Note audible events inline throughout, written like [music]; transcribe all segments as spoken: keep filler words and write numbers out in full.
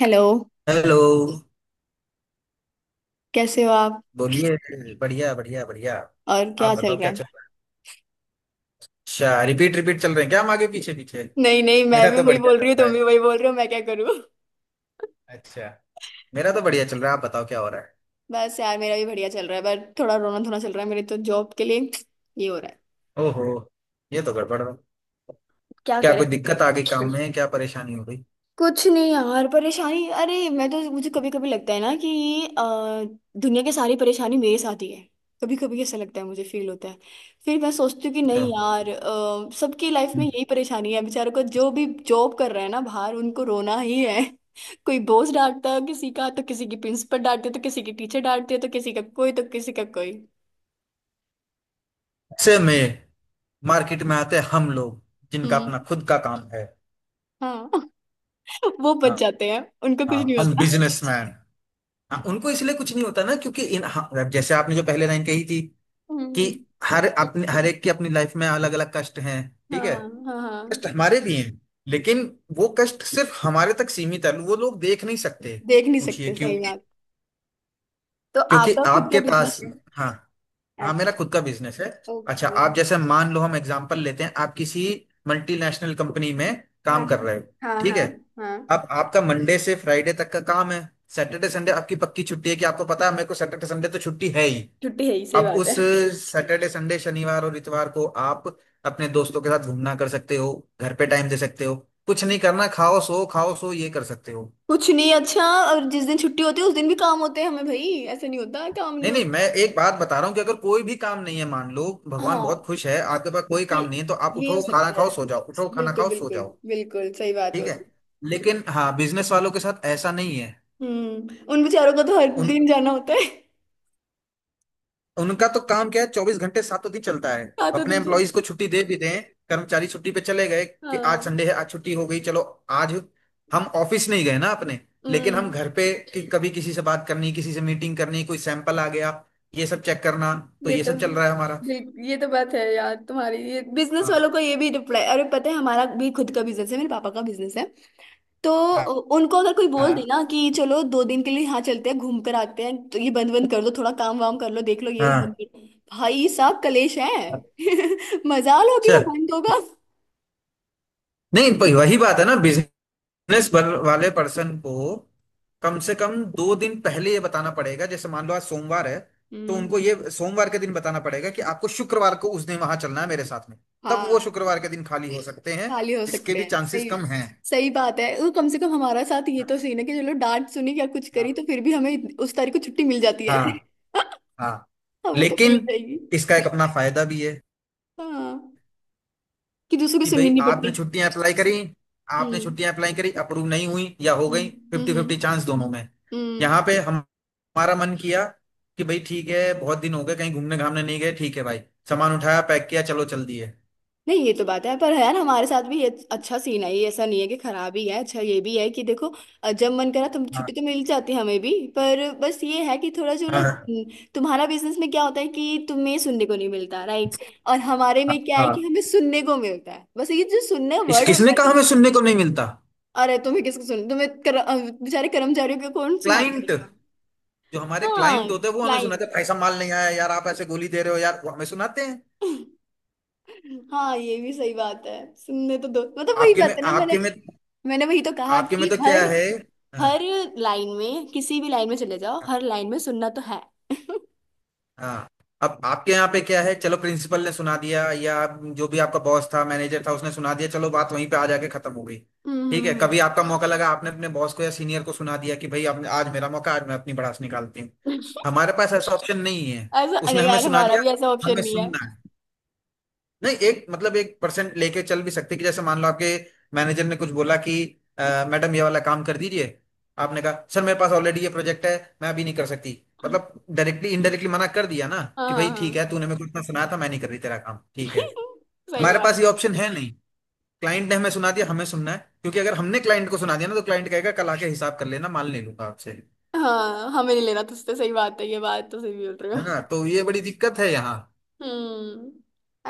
Hello. Hello. कैसे हो आप? बोलिए। बढ़िया बढ़िया बढ़िया। और आप क्या चल बताओ रहा क्या है? चल रहा है। अच्छा, रिपीट रिपीट चल रहे हैं क्या हम, आगे पीछे पीछे। नहीं नहीं, मैं मेरा भी तो वही बढ़िया बोल रही हूँ, चल रहा तुम है। भी वही बोल रहे हो, मैं क्या करूँ। अच्छा, मेरा तो बढ़िया चल रहा है। आप बताओ क्या हो रहा है। बस यार, मेरा भी बढ़िया चल रहा है, पर थोड़ा रोना धोना चल रहा है मेरे तो जॉब के लिए। ये हो रहा है। ओहो, ये तो गड़बड़ है। क्या क्या करें। कोई दिक्कत आ गई काम में? क्या परेशानी हो गई? कुछ नहीं यार, परेशानी अरे मैं तो, मुझे कभी कभी लगता है ना कि अ, दुनिया की सारी परेशानी मेरे साथ ही है। कभी कभी ऐसा लगता है, मुझे फील होता है। फिर मैं सोचती हूँ कि नहीं तो, यार, अ, सबकी लाइफ में हम्म। यही परेशानी है, बेचारों को जो भी जॉब कर रहे हैं ना बाहर उनको रोना ही है। [laughs] कोई बॉस डांटता है किसी का, तो किसी की प्रिंसिपल डांटती है, तो किसी की टीचर डांटती है, तो किसी का कोई, तो किसी का कोई। ऐसे में मार्केट में आते हैं हम लोग जिनका हम्म। अपना खुद का काम है। हाँ। [laughs] वो बच हाँ। जाते हैं, उनको कुछ हाँ, नहीं हम होता। बिजनेसमैन। हाँ, उनको इसलिए कुछ नहीं होता ना, क्योंकि इन हाँ, जैसे आपने जो पहले लाइन कही थी कि हम्म। हर अपने हर एक की अपनी लाइफ में अलग अलग कष्ट हैं। ठीक है। हाँ, हाँ, हाँ। कष्ट हमारे भी हैं, लेकिन वो कष्ट सिर्फ हमारे तक सीमित है, वो लोग देख नहीं सकते। देख नहीं पूछिए सकते, क्यों। सही बात। तो क्योंकि आपका खुद का आपके बिजनेस पास, है? हाँ। हाँ, मेरा अच्छा। खुद का बिजनेस है। अच्छा, ओके। आप जैसे मान लो हम एग्जांपल लेते हैं, आप किसी मल्टीनेशनल कंपनी में हाँ काम कर रहे हो। हाँ। हाँ ठीक हाँ। है। हाँ। अब आपका मंडे से फ्राइडे तक का काम है। सैटरडे संडे आपकी पक्की छुट्टी है कि आपको पता है मेरे को सैटरडे संडे तो छुट्टी है ही। छुट्टी है ही, सही अब बात उस है। सैटरडे संडे शनिवार और इतवार को आप अपने दोस्तों के साथ घूमना कर सकते हो, घर पे टाइम दे सकते हो। कुछ नहीं करना, खाओ सो खाओ सो, ये कर सकते हो। कुछ नहीं अच्छा। और जिस दिन छुट्टी होती है उस दिन भी काम होते हैं हमें भाई, ऐसा नहीं होता काम नहीं नहीं नहीं, होता। मैं एक बात बता रहा हूँ कि अगर कोई भी काम नहीं है मान लो, भगवान बहुत हाँ। खुश है, आपके पास कोई ये काम नहीं है, तो आप ये हो उठो खाना सकता है। खाओ सो जाओ, उठो खाना बिल्कुल खाओ सो बिल्कुल। जाओ। बिल्कुल सही बात हो ठीक है। रही लेकिन हाँ, बिजनेस वालों के साथ ऐसा नहीं है। है। हम्म, उन बेचारों को तो हर उन दिन जाना होता है। [laughs] उनका तो काम क्या है, चौबीस घंटे सातों दिन चलता है। सातों अपने दिन चल। एम्प्लॉयज को छुट्टी दे भी दें, कर्मचारी छुट्टी पे चले गए कि आज हाँ। संडे है, आज छुट्टी हो गई, चलो आज हम ऑफिस नहीं गए ना अपने। लेकिन हम हम्म। घर पे, कि कभी किसी से बात करनी, किसी से मीटिंग करनी, कोई सैंपल आ गया, ये सब चेक करना, तो ये ये तो सब चल रहा है हमारा। बिल्कुल, ये तो बात है यार तुम्हारी, ये बिजनेस हाँ। वालों को, ये भी रिप्लाई अरे पता है, हमारा भी खुद का बिजनेस है, मेरे पापा का बिजनेस है। तो हाँ। उनको अगर कोई बोल दे हाँ। ना कि चलो दो दिन के लिए यहाँ चलते हैं घूम कर आते हैं, तो ये बंद बंद कर दो थोड़ा, काम वाम कर लो देख लो, ये हाँ। बंद कर। भाई साहब कलेश है। [laughs] मजाल हो कि अच्छा। वो बंद होगा। नहीं, प- वही बात है ना, बिजनेस वाले पर्सन को कम से कम दो दिन पहले ये बताना पड़ेगा। जैसे मान लो आज सोमवार है, तो उनको हम्म। ये सोमवार के दिन बताना पड़ेगा कि आपको शुक्रवार को उस दिन वहां चलना है मेरे साथ में। तब वो हाँ, शुक्रवार के दिन खाली हो सकते हैं, खाली हो जिसके सकते भी हैं चांसेस सही, कम हैं। सही बात है। वो कम से कम हमारा साथ ये हाँ। तो सीन है कि चलो डांट सुनी या कुछ करी हाँ। तो फिर भी हमें इत- उस तारीख को छुट्टी मिल जाती है। हाँ। [laughs] हाँ। हमें तो मिल लेकिन जाएगी। इसका एक अपना फायदा भी है। हाँ, कि दूसरों की कि सुननी भाई नहीं पड़ती। आपने छुट्टियां अप्लाई करी, आपने हम्म, छुट्टियां अप्लाई करी, अप्रूव नहीं हुई या हो हम्म, गई, हम्म, फिफ्टी हम्म, फिफ्टी चांस दोनों में। हम्म। यहाँ पे हम, हमारा मन किया कि भाई ठीक है, बहुत दिन हो गए कहीं घूमने घामने नहीं गए, ठीक है भाई, सामान उठाया, पैक किया, चलो चल दिए। नहीं ये तो बात है, पर यार हमारे साथ भी ये अच्छा सीन है, ये ऐसा नहीं है कि खराब ही है। अच्छा ये भी है कि देखो, अ, जब मन करा तुम हाँ। छुट्टी तो मिल जाती है हमें भी, पर बस ये है कि थोड़ा जो ना, हाँ। हाँ। हम्म, तुम्हारा बिजनेस में क्या होता है कि तुम्हें सुनने को नहीं मिलता राइट। और हमारे में क्या है कि हाँ। हमें सुनने को मिलता है, बस ये जो सुनने इस वर्ड होता किसने है कहा ना, हमें सुनने को नहीं मिलता? अरे तुम्हें किसको सुन तुम्हें कर, अ, बेचारे कर्मचारियों को कौन सुनाते क्लाइंट, हैं। जो हमारे हाँ क्लाइंट होते हैं वो हमें सुनाते क्लाइंट। हैं, भाई साहब माल नहीं आया यार, आप ऐसे गोली दे रहे हो यार, वो हमें सुनाते हैं। [laughs] हाँ ये भी सही बात है, सुनने तो दो मतलब, वही आपके बात में है ना। मैंने आपके में मैंने वही तो कहा आपके में कि तो क्या हर है। हाँ। हर लाइन में, किसी भी लाइन में चले जाओ, हर लाइन में सुनना तो है। [laughs] हम्म हाँ। अब आपके यहाँ पे क्या है, चलो प्रिंसिपल ने सुना दिया, या जो भी आपका बॉस था मैनेजर था उसने सुना दिया, चलो बात वहीं पे आ जाके खत्म हो गई। हम्म ठीक है, हम्म। कभी आपका मौका लगा, आपने अपने बॉस को या सीनियर को सुना दिया कि भाई आपने आज मेरा मौका, आज मैं अपनी भड़ास निकालती हूँ। हमारे पास ऐसा ऑप्शन नहीं है। [laughs] ऐसा, अरे उसने हमें यार सुना हमारा दिया, भी ऐसा ऑप्शन हमें नहीं है। सुनना है। नहीं, एक मतलब एक परसेंट लेके चल भी सकते, कि जैसे मान लो आपके मैनेजर ने कुछ बोला कि "अ, मैडम ये वाला काम कर दीजिए। आपने कहा सर, मेरे पास ऑलरेडी ये प्रोजेक्ट है, मैं अभी नहीं कर सकती। मतलब डायरेक्टली इनडायरेक्टली मना कर दिया ना, हाँ कि हाँ भाई ठीक हाँ। है, तूने मेरे को इतना सुनाया था, मैं नहीं कर रही तेरा काम, ठीक है। [laughs] सही हमारे बात। पास ये ऑप्शन है नहीं। क्लाइंट ने हमें सुना दिया, हमें सुनना है, क्योंकि अगर हमने क्लाइंट को सुना दिया ना तो क्लाइंट कहेगा कल आके हिसाब कर लेना, माल ले लूंगा आपसे। हाँ हमें नहीं लेना तुझसे, सही बात है, ये बात तो सही बोल रहे है हो। ना, तो ये बड़ी दिक्कत है यहाँ। हम्म।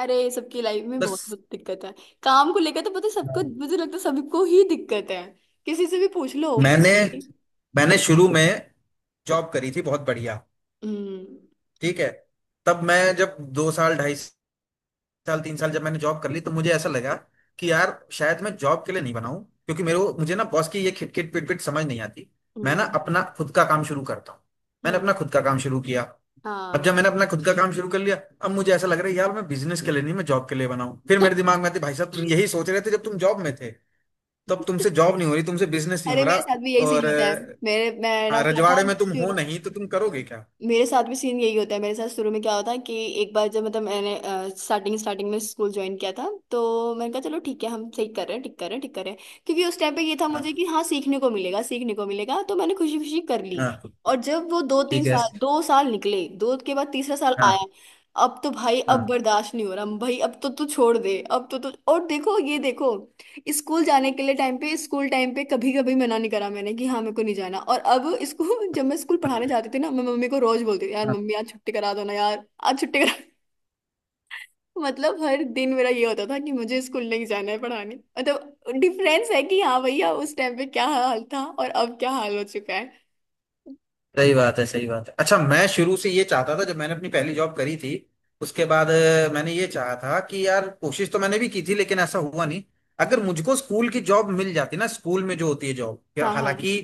अरे सबकी लाइफ में बहुत बस। बहुत दिक्कत है। काम को लेकर तो पता है सबको, मुझे लगता है सबको ही दिक्कत है। किसी से भी पूछ लो। मैंने मैंने शुरू में जॉब करी थी बहुत बढ़िया। हम्म, ठीक है। तब मैं जब दो साल, ढाई साल, तीन साल जब मैंने जॉब कर ली तो मुझे ऐसा लगा कि यार शायद मैं जॉब के लिए नहीं बनाऊं, क्योंकि मेरे को मुझे ना बॉस की ये खिटखिट पिटपिट समझ नहीं आती। मैं ना अपना हम्म, खुद का काम शुरू करता हूँ। मैंने अपना हम्म। खुद का काम शुरू किया। अब जब हाँ। मैंने अपना खुद का काम शुरू कर लिया, अब मुझे ऐसा लग रहा है यार मैं बिजनेस के लिए नहीं, मैं जॉब के लिए बनाऊं। फिर मेरे दिमाग में आती, भाई साहब तुम यही सोच रहे थे जब तुम जॉब में थे, तब तुमसे [laughs] जॉब नहीं हो रही, तुमसे बिजनेस नहीं हो अरे रहा। मेरे साथ भी यही और सीन होता है। अ, मेरे, मैं ना हाँ, क्या था रजवाड़े में तुम हो शुरू, नहीं, तो तुम करोगे क्या। मेरे साथ भी सीन यही होता है। मेरे साथ शुरू में क्या होता है कि एक बार जब, मतलब मैंने, स्टार्टिंग स्टार्टिंग में स्कूल ज्वाइन किया था, तो मैंने कहा चलो ठीक है, हम सही कर रहे हैं, ठीक कर रहे हैं, ठीक कर रहे हैं क्योंकि उस टाइम पे ये था हाँ। मुझे कि हाँ सीखने को मिलेगा, सीखने को मिलेगा तो मैंने खुशी खुशी कर ली। हाँ। और जब वो दो तीन ठीक है। साल, दो साल निकले, दो के बाद तीसरा साल हाँ। आया, अब तो भाई अब हाँ। बर्दाश्त नहीं हो रहा, भाई अब तो तू छोड़ दे, अब तो तू और देखो ये देखो। स्कूल जाने के लिए टाइम पे, स्कूल टाइम पे कभी कभी मना नहीं करा मैंने कि हाँ मेरे को नहीं जाना, और अब इसको [laughs] जब मैं स्कूल पढ़ाने जाती थी ना, मैं मम्मी को रोज बोलती थी यार हाँ। मम्मी आज छुट्टी करा दो ना, यार आज छुट्टी करा। [laughs] मतलब हर दिन मेरा ये होता था कि मुझे स्कूल नहीं जाना है पढ़ाने, मतलब डिफरेंस है कि हाँ भैया उस टाइम पे क्या हाल था और अब क्या हाल हो चुका है। सही बात है, सही बात है। अच्छा, मैं शुरू से ये चाहता था, जब मैंने अपनी पहली जॉब करी थी, उसके बाद अ, मैंने ये चाहा था कि यार कोशिश तो मैंने भी की थी, लेकिन ऐसा हुआ नहीं। अगर मुझको स्कूल की जॉब मिल जाती ना, स्कूल में जो होती है जॉब या-, हाँ हाँ हालांकि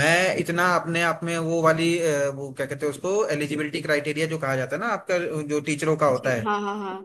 मैं इतना अपने आप में वो वाली अ, वो क्या कहते हैं उसको, एलिजिबिलिटी क्राइटेरिया जो कहा जाता है ना आपका, जो टीचरों का होता teaching, हाँ है, हाँ हाँ।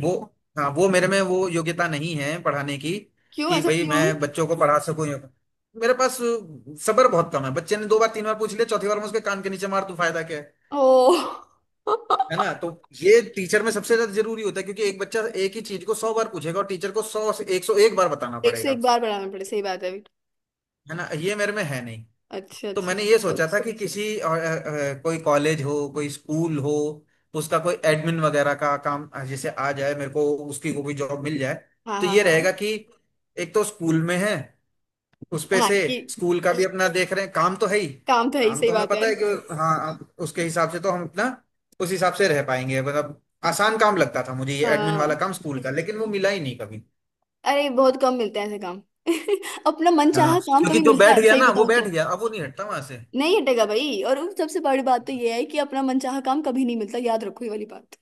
वो, हाँ, वो मेरे में वो योग्यता नहीं है पढ़ाने की। क्यों कि ऐसा भाई क्यों? मैं बच्चों को पढ़ा सकूं या-, मेरे पास सब्र बहुत कम है। बच्चे ने दो बार तीन बार पूछ लिया, चौथी बार मैं उसके कान के नीचे मार, तू फायदा क्या है। ओ है ना, तो [laughs] ये टीचर में सबसे ज्यादा जरूरी होता है, क्योंकि एक बच्चा एक ही चीज को सौ बार पूछेगा और टीचर को सौ से एक सौ एक बार बताना एक से पड़ेगा। एक बार पढ़ाना पड़े सही बात है। है ना, ये मेरे में है नहीं। अच्छा तो मैंने अच्छा। ये सोचा था, अच्छा, कि किसी अ, अ, कोई कॉलेज हो, कोई स्कूल हो, उसका कोई एडमिन वगैरह का काम अ, जैसे आ जाए मेरे को, उसकी कोई जॉब मिल जाए, हाँ तो हाँ ये हाँ रहेगा कि एक तो स्कूल में है, उस पे हाँ से कि स्कूल का भी अपना देख रहे हैं काम तो है ही। काम तो है ही काम सही तो हमें बात है। पता है कि हाँ, उसके हिसाब से तो हम अपना उस हिसाब से रह पाएंगे। मतलब आसान काम लगता था मुझे ये एडमिन वाला हाँ, काम स्कूल का, लेकिन वो मिला ही नहीं कभी। अरे बहुत कम मिलता है ऐसे काम। [laughs] अपना मनचाहा हाँ, काम क्योंकि कभी जो मिलता बैठ है गया सही ना वो बताऊं बैठ तो। गया, अब वो नहीं हटता वहां से। नहीं हटेगा भाई, और उस सबसे बड़ी बात तो ये है कि अपना मनचाहा काम कभी नहीं मिलता, याद रखो ये वाली बात।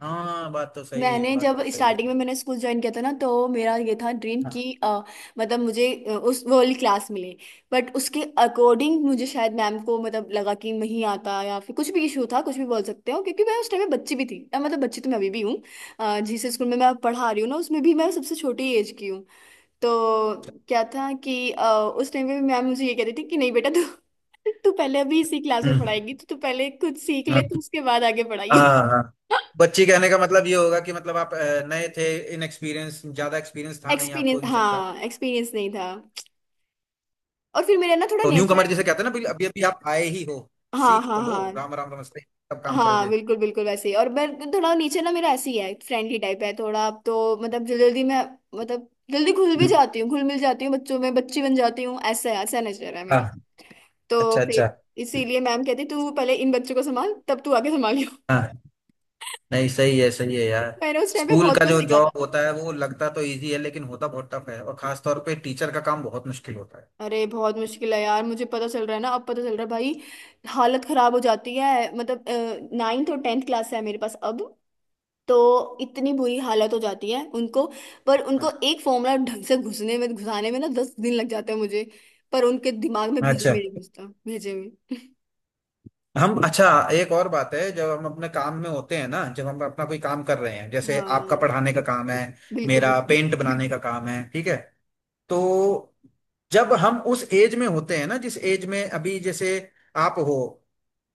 हाँ, बात तो सही है, मैंने बात जब तो सही स्टार्टिंग में मैंने स्कूल ज्वाइन किया था ना, तो मेरा ये था ड्रीम है। कि अ, मतलब मुझे अ, उस वो वाली क्लास मिले। बट उसके अकॉर्डिंग मुझे शायद मैम को मतलब लगा कि नहीं आता, या फिर कुछ भी इशू था कुछ भी बोल सकते हो, क्योंकि मैं उस टाइम में बच्ची भी थी, अ, मतलब बच्ची तो मैं अभी भी हूँ। अ, जिस स्कूल में मैं पढ़ा रही हूँ ना उसमें भी मैं सबसे छोटी एज की हूँ। तो क्या था कि अ, उस टाइम पे मैम मुझे ये कह रही थी कि नहीं बेटा, तू तू पहले अभी इसी क्लास में हम्म पढ़ाएगी, तो तू पहले कुछ सीख ले, तो हम्म, उसके बाद आगे पढ़ाइए। हाँ। हाँ। [laughs] बच्ची कहने का मतलब ये होगा कि मतलब आप अ, नए थे, इनएक्सपीरियंस, ज्यादा एक्सपीरियंस था नहीं एक्सपीरियंस, आपको इन सब का। हाँ एक्सपीरियंस नहीं था। और फिर मेरा ना थोड़ा तो न्यू नेचर, कमर जिसे कहते हैं ना, अभी अभी अभी आप आए ही हो, हाँ सीख हाँ तो लो, हाँ राम राम नमस्ते सब काम हाँ करोगे। बिल्कुल बिल्कुल वैसे ही, और मैं थोड़ा नीचे ना मेरा ऐसे ही है, फ्रेंडली टाइप है थोड़ा, अब तो मतलब जल्दी जल्दी मैं, मतलब जल्दी घुल भी हम्म। जाती हूँ, घुल मिल जाती हूँ बच्चों में, बच्ची बन जाती हूँ, ऐसा ऐसा नेचर है मेरा। हाँ। तो अच्छा, फिर अच्छा। इसीलिए मैम कहती तू पहले इन बच्चों को संभाल, तब तू आगे संभाल। हाँ। नहीं, सही है, सही है यार। मैंने उस टाइम पे स्कूल बहुत का कुछ जो सीखा था। जॉब होता है वो लगता तो इजी है, लेकिन होता बहुत टफ है, और खास तौर पे टीचर का काम बहुत मुश्किल होता है। अरे बहुत मुश्किल है यार, मुझे पता चल रहा है ना अब पता चल रहा है भाई। हालत खराब हो जाती है। मतलब नाइन्थ और टेंथ क्लास है मेरे पास अब, तो इतनी बुरी हालत हो जाती है उनको, पर हाँ। उनको एक फॉर्मूला ढंग से घुसने में घुसाने में ना दस दिन लग जाते हैं मुझे। पर उनके दिमाग में भेजे अच्छा। में नहीं घुसता भेजे में। हम, अच्छा। एक और बात है, जब हम अपने काम में होते हैं ना, जब हम अपना कोई काम कर रहे हैं, जैसे हाँ आपका पढ़ाने का काम है, बिल्कुल मेरा बिल्कुल। पेंट बनाने का काम है, ठीक है, तो जब हम उस एज में होते हैं ना, जिस एज में अभी जैसे आप हो,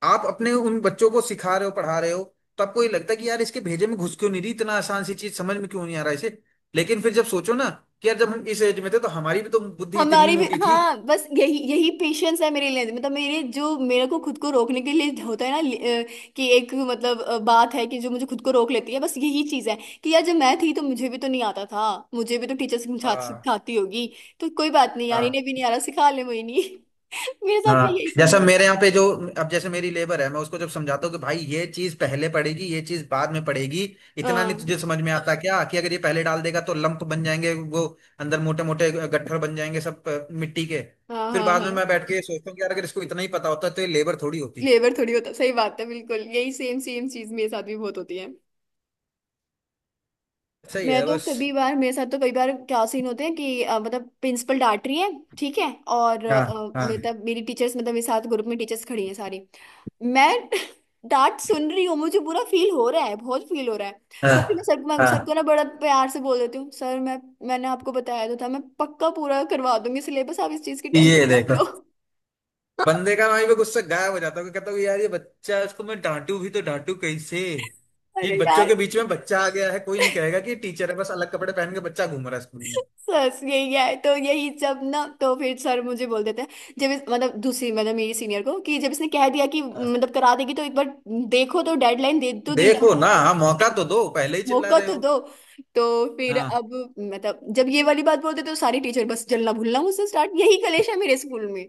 आप अपने उन बच्चों को सिखा रहे हो, पढ़ा रहे हो, तो आपको ये लगता है कि यार इसके भेजे में घुस क्यों नहीं रही, इतना आसान सी चीज समझ में क्यों नहीं आ रहा इसे। लेकिन फिर जब सोचो ना कि यार जब हम इस एज में थे तो हमारी भी तो बुद्धि इतनी ही हमारी भी, मोटी थी। हाँ बस यही यही पेशेंस है मेरे लिए, मतलब मेरे जो मेरे को खुद को रोकने के लिए होता है ना लि- अ, कि एक मतलब, अ, बात है कि जो मुझे खुद को रोक लेती है, बस यही चीज है। कि यार जब मैं थी तो मुझे भी तो नहीं आता था, मुझे भी तो टीचर सिखा हाँ। सिखाती होगी, तो कोई बात नहीं यार इन्हें हाँ। भी नहीं आ रहा, सिखा ले मोहिनी। [laughs] मेरे साथ भी हाँ। यही सीन जैसा है। मेरे यहाँ पे जो, अब जैसे मेरी लेबर है, मैं उसको जब समझाता हूँ कि भाई ये चीज पहले पड़ेगी, ये चीज बाद में पड़ेगी, इतना नहीं हाँ तुझे समझ में आता क्या कि अगर ये पहले डाल देगा तो लंप बन जाएंगे वो, अंदर मोटे मोटे गट्ठर बन जाएंगे सब अ, मिट्टी के। हाँ फिर हाँ बाद हाँ। में मैं बैठ के सोचता हूँ कि यार अगर इसको इतना ही पता होता तो ये लेबर थोड़ी होती। लेबर थोड़ी होता सही बात है, बिल्कुल यही सेम सेम चीज मेरे साथ भी बहुत होती है। सही मैं है। तो बस। कभी बार, मेरे साथ तो कई बार क्या सीन होते हैं कि अ, मतलब प्रिंसिपल डांट रही है, ठीक है। और हाँ। अ, हाँ। मतलब मेरी टीचर्स, मतलब मेरे साथ ग्रुप में टीचर्स खड़ी हैं सारी, मैं [laughs] डांट सुन रही हूँ, मुझे बुरा फील हो रहा है, बहुत फील हो रहा है। पर फिर मैं हाँ। सर, मैं सर को हाँ। ना बड़ा प्यार से बोल देती हूँ, सर मैं, मैंने आपको बताया तो था मैं पक्का पूरा करवा दूंगी सिलेबस, आप इस चीज की टेंशन ये मत देखो, लो। [laughs] बंदे का वहीं पे गुस्सा गायब हो जाता है, कहता हूँ यार ये बच्चा है, इसको मैं डांटू भी तो डांटू कैसे। ये अरे बच्चों यार, के बीच में बच्चा आ गया है, कोई नहीं कहेगा कि टीचर है, बस अलग कपड़े पहन के बच्चा घूम रहा है स्कूल में। बस यही है तो यही, जब ना तो फिर सर मुझे बोल देते हैं, जब इस, मतलब दूसरी मतलब मेरी सीनियर को कि जब इसने कह दिया कि हाँ। मतलब करा देगी तो एक बार देखो, तो डेडलाइन दे तो दी ना, देखो ना, हाँ, मौका तो दो, पहले ही चिल्ला मौका रहे तो हो। दो। तो फिर हाँ। अब, मतलब जब ये वाली बात बोलते तो सारी टीचर बस जलना भूलना मुझसे स्टार्ट, यही कलेश है मेरे स्कूल में।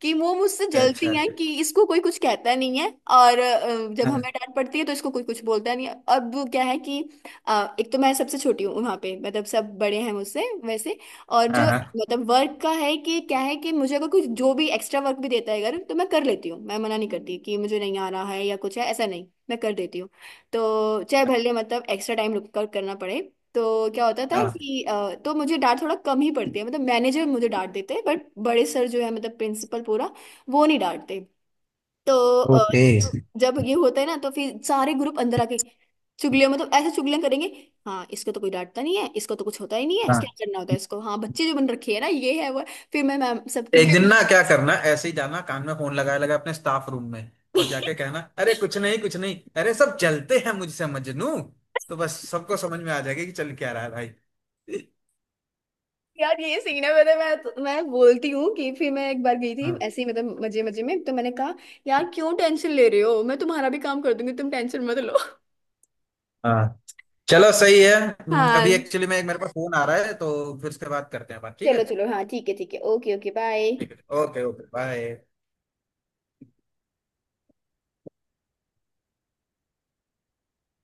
कि वो मुझसे जलती अच्छा। हैं कि इसको कोई कुछ कहता नहीं है, और अ, जब हाँ। हमें डांट पड़ती है तो इसको कोई कुछ बोलता नहीं है। अब क्या है कि अ, एक तो मैं सबसे छोटी हूँ वहाँ पे, मतलब सब बड़े हैं मुझसे वैसे। और हाँ। जो हाँ। मतलब वर्क का है कि क्या है कि मुझे अगर कुछ जो भी एक्स्ट्रा वर्क भी देता है अगर, तो मैं कर लेती हूँ, मैं मना नहीं करती कि मुझे नहीं आ रहा है या कुछ है, ऐसा नहीं मैं कर देती हूँ, तो चाहे भले मतलब एक्स्ट्रा टाइम लुकआउट करना पड़े। तो क्या होता था हाँ, कि अ, तो मुझे डांट थोड़ा कम ही पड़ती है, मतलब मैनेजर मुझे डांट देते हैं बट बड़े सर जो है मतलब प्रिंसिपल पूरा, वो नहीं डांटते। तो अ, ओके। जब जब ये होता है ना तो फिर सारे ग्रुप अंदर आके चुगलियां, मतलब ऐसे चुगलियां करेंगे, हाँ इसको तो कोई डांटता नहीं है, इसको तो कुछ होता ही नहीं है, हाँ, क्या करना होता है इसको, हाँ बच्चे जो बन रखे है ना ये है वो है। फिर मैं मैम सबके एक बीच, दिन ना क्या करना, ऐसे ही जाना, कान में फोन लगाए लगा अपने स्टाफ रूम में, और जाके कहना अरे कुछ नहीं, कुछ नहीं, अरे सब जलते हैं मुझसे मजनू, तो बस सबको समझ में आ जाएगा कि चल क्या रहा है। यार ये सीन है। मतलब मैं तो, मैं बोलती हूँ कि फिर मैं एक बार गई थी भाई। ऐसे ही मतलब मजे मजे में, तो मैंने कहा यार क्यों टेंशन ले रहे हो, मैं तुम्हारा भी काम कर दूंगी तुम टेंशन मत लो। हाँ। चलो सही है। हम्म, अभी हाँ एक्चुअली में एक मेरे पास फोन आ रहा है, तो फिर उसके बाद करते हैं बात, ठीक है। चलो चलो, हाँ ठीक है ठीक है, ओके ओके बाय। ठीक है। Okay okay bye.